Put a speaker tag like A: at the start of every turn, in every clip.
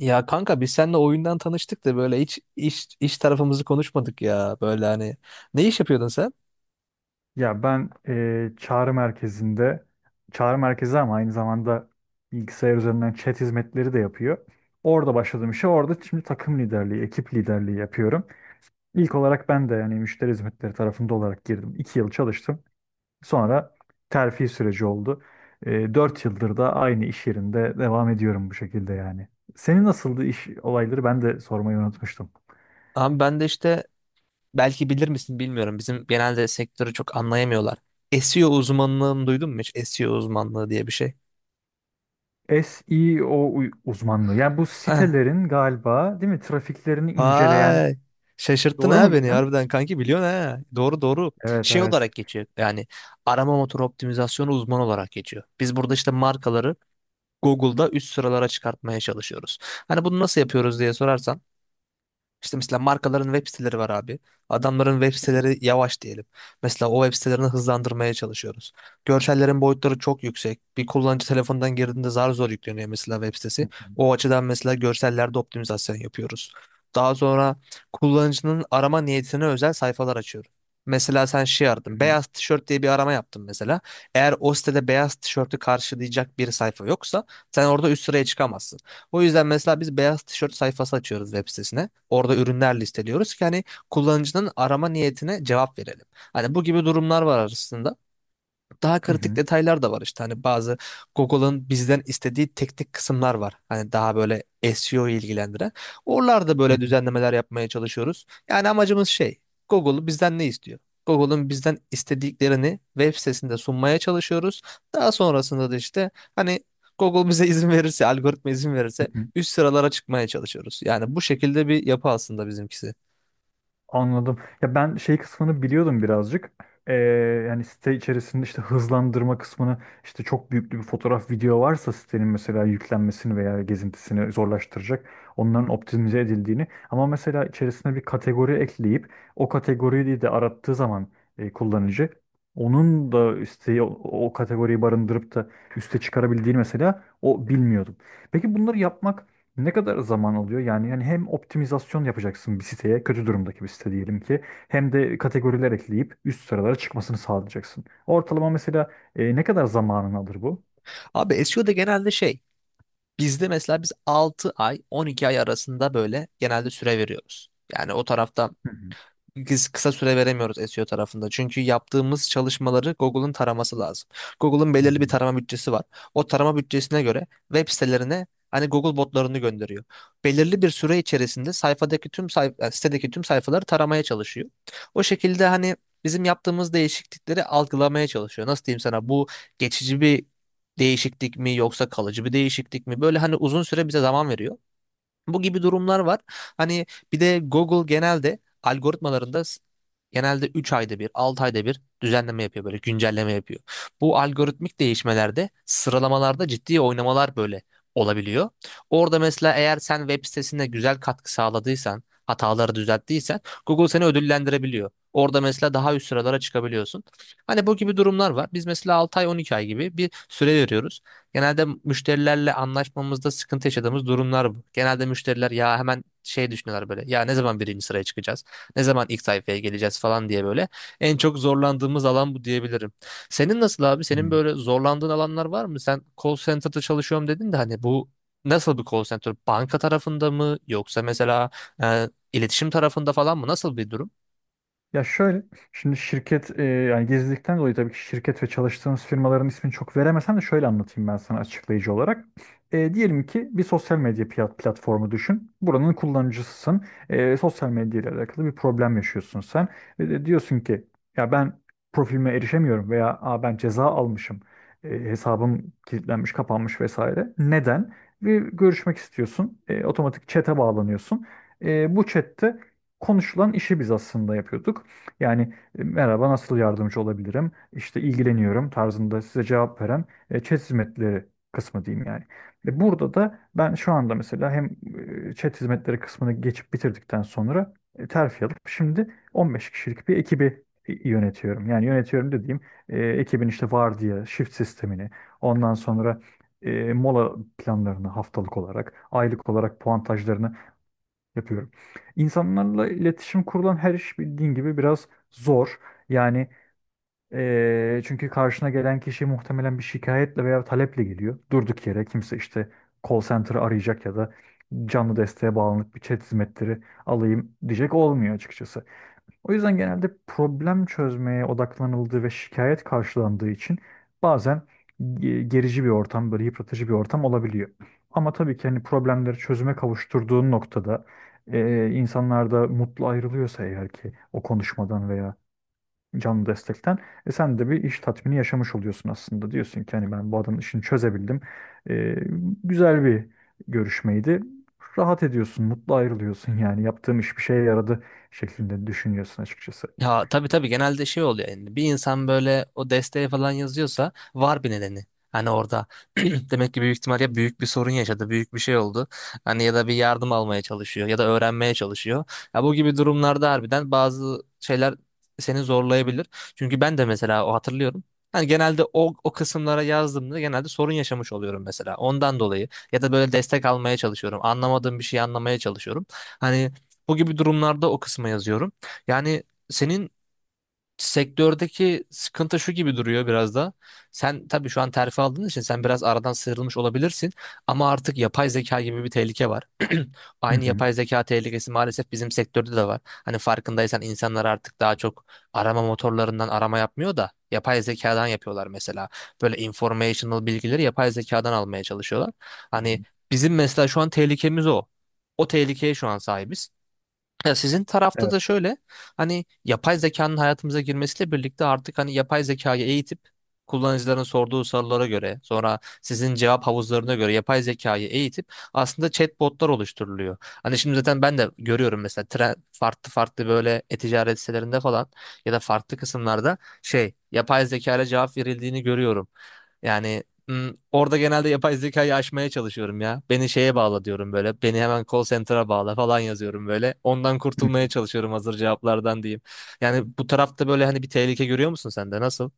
A: Ya kanka biz seninle oyundan tanıştık da böyle hiç iş tarafımızı konuşmadık ya. Böyle hani ne iş yapıyordun sen?
B: Ya ben çağrı merkezinde, çağrı merkezi ama aynı zamanda bilgisayar üzerinden chat hizmetleri de yapıyor. Orada başladığım işe orada şimdi takım liderliği, ekip liderliği yapıyorum. İlk olarak ben de yani müşteri hizmetleri tarafında olarak girdim. İki yıl çalıştım. Sonra terfi süreci oldu. Dört yıldır da aynı iş yerinde devam ediyorum bu şekilde yani. Senin nasıldı iş olayları ben de sormayı unutmuştum.
A: Abi ben de işte belki bilir misin bilmiyorum. Bizim genelde sektörü çok anlayamıyorlar. SEO uzmanlığını duydun mu hiç? SEO uzmanlığı diye bir şey.
B: Uzmanlığı. Yani bu
A: Eh.
B: sitelerin galiba değil mi trafiklerini inceleyen.
A: Ay. Şaşırttın
B: Doğru
A: ha
B: mu
A: beni
B: bildim?
A: harbiden kanki biliyorsun ha. Doğru doğru.
B: Evet,
A: Şey olarak
B: evet.
A: geçiyor. Yani arama motoru optimizasyonu uzmanı olarak geçiyor. Biz burada işte markaları Google'da üst sıralara çıkartmaya çalışıyoruz. Hani bunu nasıl yapıyoruz diye sorarsan işte mesela markaların web siteleri var abi. Adamların web
B: Hı
A: siteleri yavaş diyelim. Mesela o web sitelerini hızlandırmaya çalışıyoruz. Görsellerin boyutları çok yüksek. Bir kullanıcı telefondan girdiğinde zar zor yükleniyor mesela web sitesi.
B: hı,
A: O açıdan mesela görsellerde optimizasyon yapıyoruz. Daha sonra kullanıcının arama niyetine özel sayfalar açıyoruz. Mesela sen şey
B: hı
A: aradın.
B: hı,
A: Beyaz tişört diye bir arama yaptın mesela. Eğer o sitede beyaz tişörtü karşılayacak bir sayfa yoksa sen orada üst sıraya çıkamazsın. O yüzden mesela biz beyaz tişört sayfası açıyoruz web sitesine. Orada ürünler listeliyoruz ki hani kullanıcının arama niyetine cevap verelim. Hani bu gibi durumlar var arasında daha
B: hı
A: kritik
B: hı,
A: detaylar da var işte hani bazı Google'ın bizden istediği teknik kısımlar var. Hani daha böyle SEO ilgilendiren. Oralarda
B: hı
A: böyle
B: hı,
A: düzenlemeler yapmaya çalışıyoruz. Yani amacımız şey Google bizden ne istiyor? Google'ın bizden istediklerini web sitesinde sunmaya çalışıyoruz. Daha sonrasında da işte hani Google bize izin verirse, algoritma izin
B: hı
A: verirse
B: hı.
A: üst sıralara çıkmaya çalışıyoruz. Yani bu şekilde bir yapı aslında bizimkisi.
B: Anladım. Ya ben şey kısmını biliyordum birazcık. Ee, Yani site içerisinde işte hızlandırma kısmını işte çok büyüklü bir fotoğraf video varsa sitenin mesela yüklenmesini veya gezintisini zorlaştıracak onların optimize edildiğini ama mesela içerisine bir kategori ekleyip o kategoriyi de arattığı zaman kullanıcı onun da isteği o, o kategoriyi barındırıp da üste çıkarabildiğini mesela o bilmiyordum. Peki bunları yapmak ne kadar zaman alıyor? Yani hem optimizasyon yapacaksın bir siteye, kötü durumdaki bir site diyelim ki, hem de kategoriler ekleyip üst sıralara çıkmasını sağlayacaksın. Ortalama mesela ne kadar zamanını alır bu?
A: Abi SEO'da genelde şey bizde mesela biz 6 ay 12 ay arasında böyle genelde süre veriyoruz. Yani o tarafta
B: Hı hı.
A: biz kısa süre veremiyoruz SEO tarafında. Çünkü yaptığımız çalışmaları Google'ın taraması lazım. Google'ın
B: Hı
A: belirli
B: hı.
A: bir tarama bütçesi var. O tarama bütçesine göre web sitelerine hani Google botlarını gönderiyor. Belirli bir süre içerisinde sayfadaki tüm sitedeki tüm sayfaları taramaya çalışıyor. O şekilde hani bizim yaptığımız değişiklikleri algılamaya çalışıyor. Nasıl diyeyim sana bu geçici bir değişiklik mi yoksa kalıcı bir değişiklik mi? Böyle hani uzun süre bize zaman veriyor. Bu gibi durumlar var. Hani bir de Google genelde algoritmalarında genelde 3 ayda bir, 6 ayda bir düzenleme yapıyor böyle güncelleme yapıyor. Bu algoritmik değişmelerde sıralamalarda ciddi oynamalar böyle olabiliyor. Orada mesela eğer sen web sitesine güzel katkı sağladıysan, hataları düzelttiysen Google seni ödüllendirebiliyor. Orada mesela daha üst sıralara çıkabiliyorsun. Hani bu gibi durumlar var. Biz mesela 6 ay 12 ay gibi bir süre veriyoruz. Genelde müşterilerle anlaşmamızda sıkıntı yaşadığımız durumlar bu. Genelde müşteriler ya hemen şey düşünüyorlar böyle. Ya ne zaman birinci sıraya çıkacağız? Ne zaman ilk sayfaya geleceğiz falan diye böyle. En çok zorlandığımız alan bu diyebilirim. Senin nasıl abi?
B: Hı.
A: Senin böyle zorlandığın alanlar var mı? Sen call center'da çalışıyorum dedin de hani bu nasıl bir call center? Banka tarafında mı yoksa mesela iletişim tarafında falan mı? Nasıl bir durum?
B: Ya şöyle, şimdi şirket yani gizlilikten dolayı tabii ki şirket ve çalıştığımız firmaların ismini çok veremesem de şöyle anlatayım ben sana açıklayıcı olarak. Diyelim ki bir sosyal medya platformu düşün. Buranın kullanıcısısın. Sosyal medya ile alakalı bir problem yaşıyorsun sen. Ve de diyorsun ki ya ben profilime erişemiyorum veya aa, ben ceza almışım. Hesabım kilitlenmiş, kapanmış vesaire. Neden? Bir görüşmek istiyorsun. Otomatik chat'e bağlanıyorsun. Bu chat'te konuşulan işi biz aslında yapıyorduk. Yani merhaba, nasıl yardımcı olabilirim? İşte ilgileniyorum tarzında size cevap veren chat hizmetleri kısmı diyeyim yani. Burada da ben şu anda mesela hem chat hizmetleri kısmını geçip bitirdikten sonra terfi alıp şimdi 15 kişilik bir ekibi yönetiyorum. Yani yönetiyorum dediğim ekibin işte vardiya, shift sistemini, ondan sonra mola planlarını haftalık olarak, aylık olarak puantajlarını yapıyorum. İnsanlarla iletişim kurulan her iş bildiğin gibi biraz zor. Yani çünkü karşına gelen kişi muhtemelen bir şikayetle veya taleple geliyor. Durduk yere kimse işte call center'ı arayacak ya da canlı desteğe bağlanıp bir chat hizmetleri alayım diyecek olmuyor açıkçası. O yüzden genelde problem çözmeye odaklanıldığı ve şikayet karşılandığı için bazen gerici bir ortam, böyle yıpratıcı bir ortam olabiliyor. Ama tabii ki hani problemleri çözüme kavuşturduğun noktada insanlar da mutlu ayrılıyorsa eğer ki o konuşmadan veya canlı destekten. E sen de bir iş tatmini yaşamış oluyorsun aslında. Diyorsun ki hani ben bu adamın işini çözebildim. E, Güzel bir görüşmeydi. Rahat ediyorsun, mutlu ayrılıyorsun, yani yaptığım iş bir şeye yaradı şeklinde düşünüyorsun açıkçası.
A: Ya tabii tabii genelde şey oluyor yani bir insan böyle o desteği falan yazıyorsa var bir nedeni. Hani orada demek ki büyük ihtimal ya büyük bir sorun yaşadı, büyük bir şey oldu. Hani ya da bir yardım almaya çalışıyor ya da öğrenmeye çalışıyor. Ya bu gibi durumlarda harbiden bazı şeyler seni zorlayabilir. Çünkü ben de mesela o hatırlıyorum. Hani genelde o kısımlara yazdığımda genelde sorun yaşamış oluyorum mesela. Ondan dolayı ya da böyle destek almaya çalışıyorum. Anlamadığım bir şeyi anlamaya çalışıyorum. Hani bu gibi durumlarda o kısma yazıyorum. Yani senin sektördeki sıkıntı şu gibi duruyor biraz da. Sen tabii şu an terfi aldığın için sen biraz aradan sıyrılmış olabilirsin ama artık yapay zeka gibi bir tehlike var.
B: Hı
A: Aynı
B: hı.
A: yapay zeka tehlikesi maalesef bizim sektörde de var. Hani farkındaysan insanlar artık daha çok arama motorlarından arama yapmıyor da yapay zekadan yapıyorlar mesela. Böyle informational bilgileri yapay zekadan almaya çalışıyorlar.
B: Hı
A: Hani
B: hı.
A: bizim mesela şu an tehlikemiz o. O tehlikeye şu an sahibiz. Ya sizin tarafta da şöyle hani yapay zekanın hayatımıza girmesiyle birlikte artık hani yapay zekayı eğitip kullanıcıların sorduğu sorulara göre sonra sizin cevap havuzlarına göre yapay zekayı eğitip aslında chatbotlar oluşturuluyor. Hani şimdi zaten ben de görüyorum mesela tren, farklı farklı böyle e-ticaret sitelerinde falan ya da farklı kısımlarda şey yapay zekayla cevap verildiğini görüyorum. Yani orada genelde yapay zekayı aşmaya çalışıyorum ya. Beni şeye bağla diyorum böyle. Beni hemen call center'a bağla falan yazıyorum böyle. Ondan
B: Evet.
A: kurtulmaya çalışıyorum hazır cevaplardan diyeyim. Yani bu tarafta böyle hani bir tehlike görüyor musun sen de? Nasıl?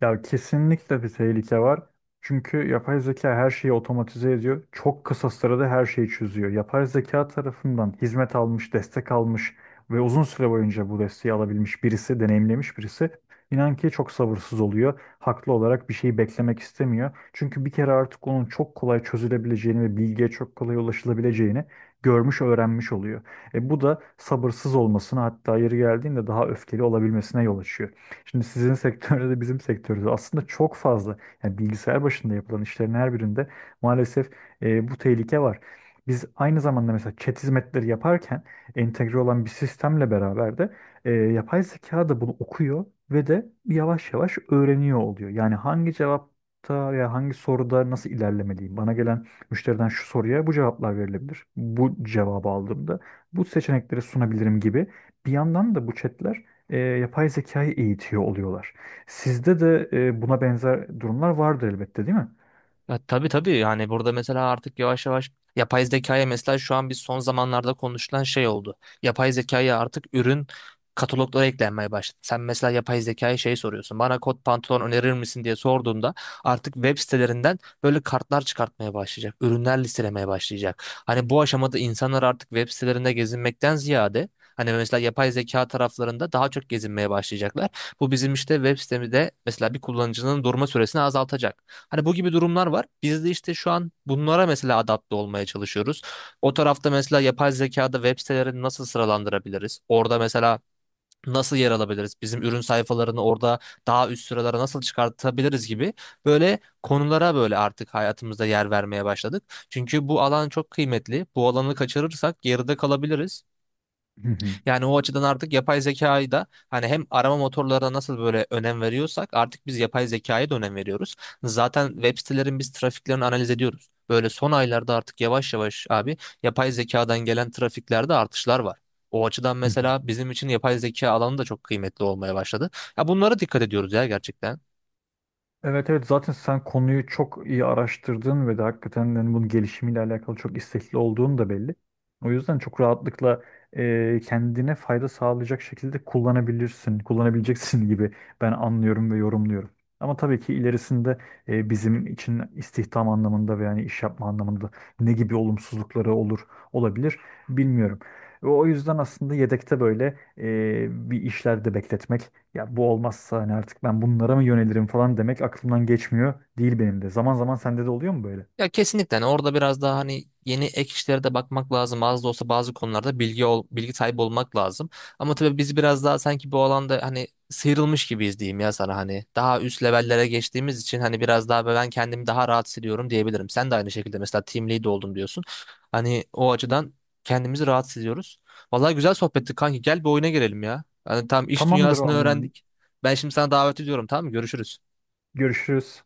B: Ya kesinlikle bir tehlike var. Çünkü yapay zeka her şeyi otomatize ediyor. Çok kısa sürede her şeyi çözüyor. Yapay zeka tarafından hizmet almış, destek almış ve uzun süre boyunca bu desteği alabilmiş birisi, deneyimlemiş birisi inan ki çok sabırsız oluyor. Haklı olarak bir şeyi beklemek istemiyor. Çünkü bir kere artık onun çok kolay çözülebileceğini ve bilgiye çok kolay ulaşılabileceğini görmüş, öğrenmiş oluyor. E bu da sabırsız olmasına, hatta yeri geldiğinde daha öfkeli olabilmesine yol açıyor. Şimdi sizin sektörde de bizim sektörde de aslında çok fazla, yani bilgisayar başında yapılan işlerin her birinde maalesef bu tehlike var. Biz aynı zamanda mesela chat hizmetleri yaparken entegre olan bir sistemle beraber de yapay zeka da bunu okuyor ve de yavaş yavaş öğreniyor oluyor. Yani hangi cevapta veya hangi soruda nasıl ilerlemeliyim? Bana gelen müşteriden şu soruya bu cevaplar verilebilir. Bu cevabı aldığımda bu seçenekleri sunabilirim gibi. Bir yandan da bu chatler yapay zekayı eğitiyor oluyorlar. Sizde de buna benzer durumlar vardır elbette, değil mi?
A: Ya, tabii tabii yani burada mesela artık yavaş yavaş yapay zekaya mesela şu an biz son zamanlarda konuşulan şey oldu. Yapay zekaya artık ürün kataloglara eklenmeye başladı. Sen mesela yapay zekaya şey soruyorsun. Bana kot pantolon önerir misin diye sorduğunda artık web sitelerinden böyle kartlar çıkartmaya başlayacak. Ürünler listelemeye başlayacak. Hani bu aşamada insanlar artık web sitelerinde gezinmekten ziyade hani mesela yapay zeka taraflarında daha çok gezinmeye başlayacaklar. Bu bizim işte web sitemizde mesela bir kullanıcının durma süresini azaltacak. Hani bu gibi durumlar var. Biz de işte şu an bunlara mesela adapte olmaya çalışıyoruz. O tarafta mesela yapay zekada web sitelerini nasıl sıralandırabiliriz? Orada mesela nasıl yer alabiliriz? Bizim ürün sayfalarını orada daha üst sıralara nasıl çıkartabiliriz gibi böyle konulara böyle artık hayatımızda yer vermeye başladık. Çünkü bu alan çok kıymetli. Bu alanı kaçırırsak geride kalabiliriz.
B: Hı
A: Yani o açıdan artık yapay zekayı da hani hem arama motorlarına nasıl böyle önem veriyorsak artık biz yapay zekaya da önem veriyoruz. Zaten web sitelerin biz trafiklerini analiz ediyoruz. Böyle son aylarda artık yavaş yavaş abi yapay zekadan gelen trafiklerde artışlar var. O açıdan
B: hı.
A: mesela bizim için yapay zeka alanı da çok kıymetli olmaya başladı. Ya bunlara dikkat ediyoruz ya gerçekten.
B: Evet, evet, zaten sen konuyu çok iyi araştırdın ve de hakikaten yani bunun gelişimiyle alakalı çok istekli olduğun da belli. O yüzden çok rahatlıkla kendine fayda sağlayacak şekilde kullanabilirsin, kullanabileceksin gibi ben anlıyorum ve yorumluyorum. Ama tabii ki ilerisinde bizim için istihdam anlamında ve yani iş yapma anlamında ne gibi olumsuzlukları olur, olabilir bilmiyorum. Ve o yüzden aslında yedekte böyle bir işlerde bekletmek, ya bu olmazsa hani artık ben bunlara mı yönelirim falan demek aklımdan geçmiyor değil benim de. Zaman zaman sende de oluyor mu böyle?
A: Ya kesinlikle hani orada biraz daha hani yeni ek işlere de bakmak lazım. Az da olsa bazı konularda bilgi sahibi olmak lazım. Ama tabii biz biraz daha sanki bu alanda hani sıyrılmış gibiyiz diyeyim ya sana hani. Daha üst levellere geçtiğimiz için hani biraz daha ben kendimi daha rahat hissediyorum diyebilirim. Sen de aynı şekilde mesela team lead oldum diyorsun. Hani o açıdan kendimizi rahat hissediyoruz. Vallahi güzel sohbetti kanki. Gel bir oyuna girelim ya. Hani tam iş
B: Tamamdır o
A: dünyasını
B: zaman.
A: öğrendik. Ben şimdi sana davet ediyorum tamam mı? Görüşürüz.
B: Görüşürüz.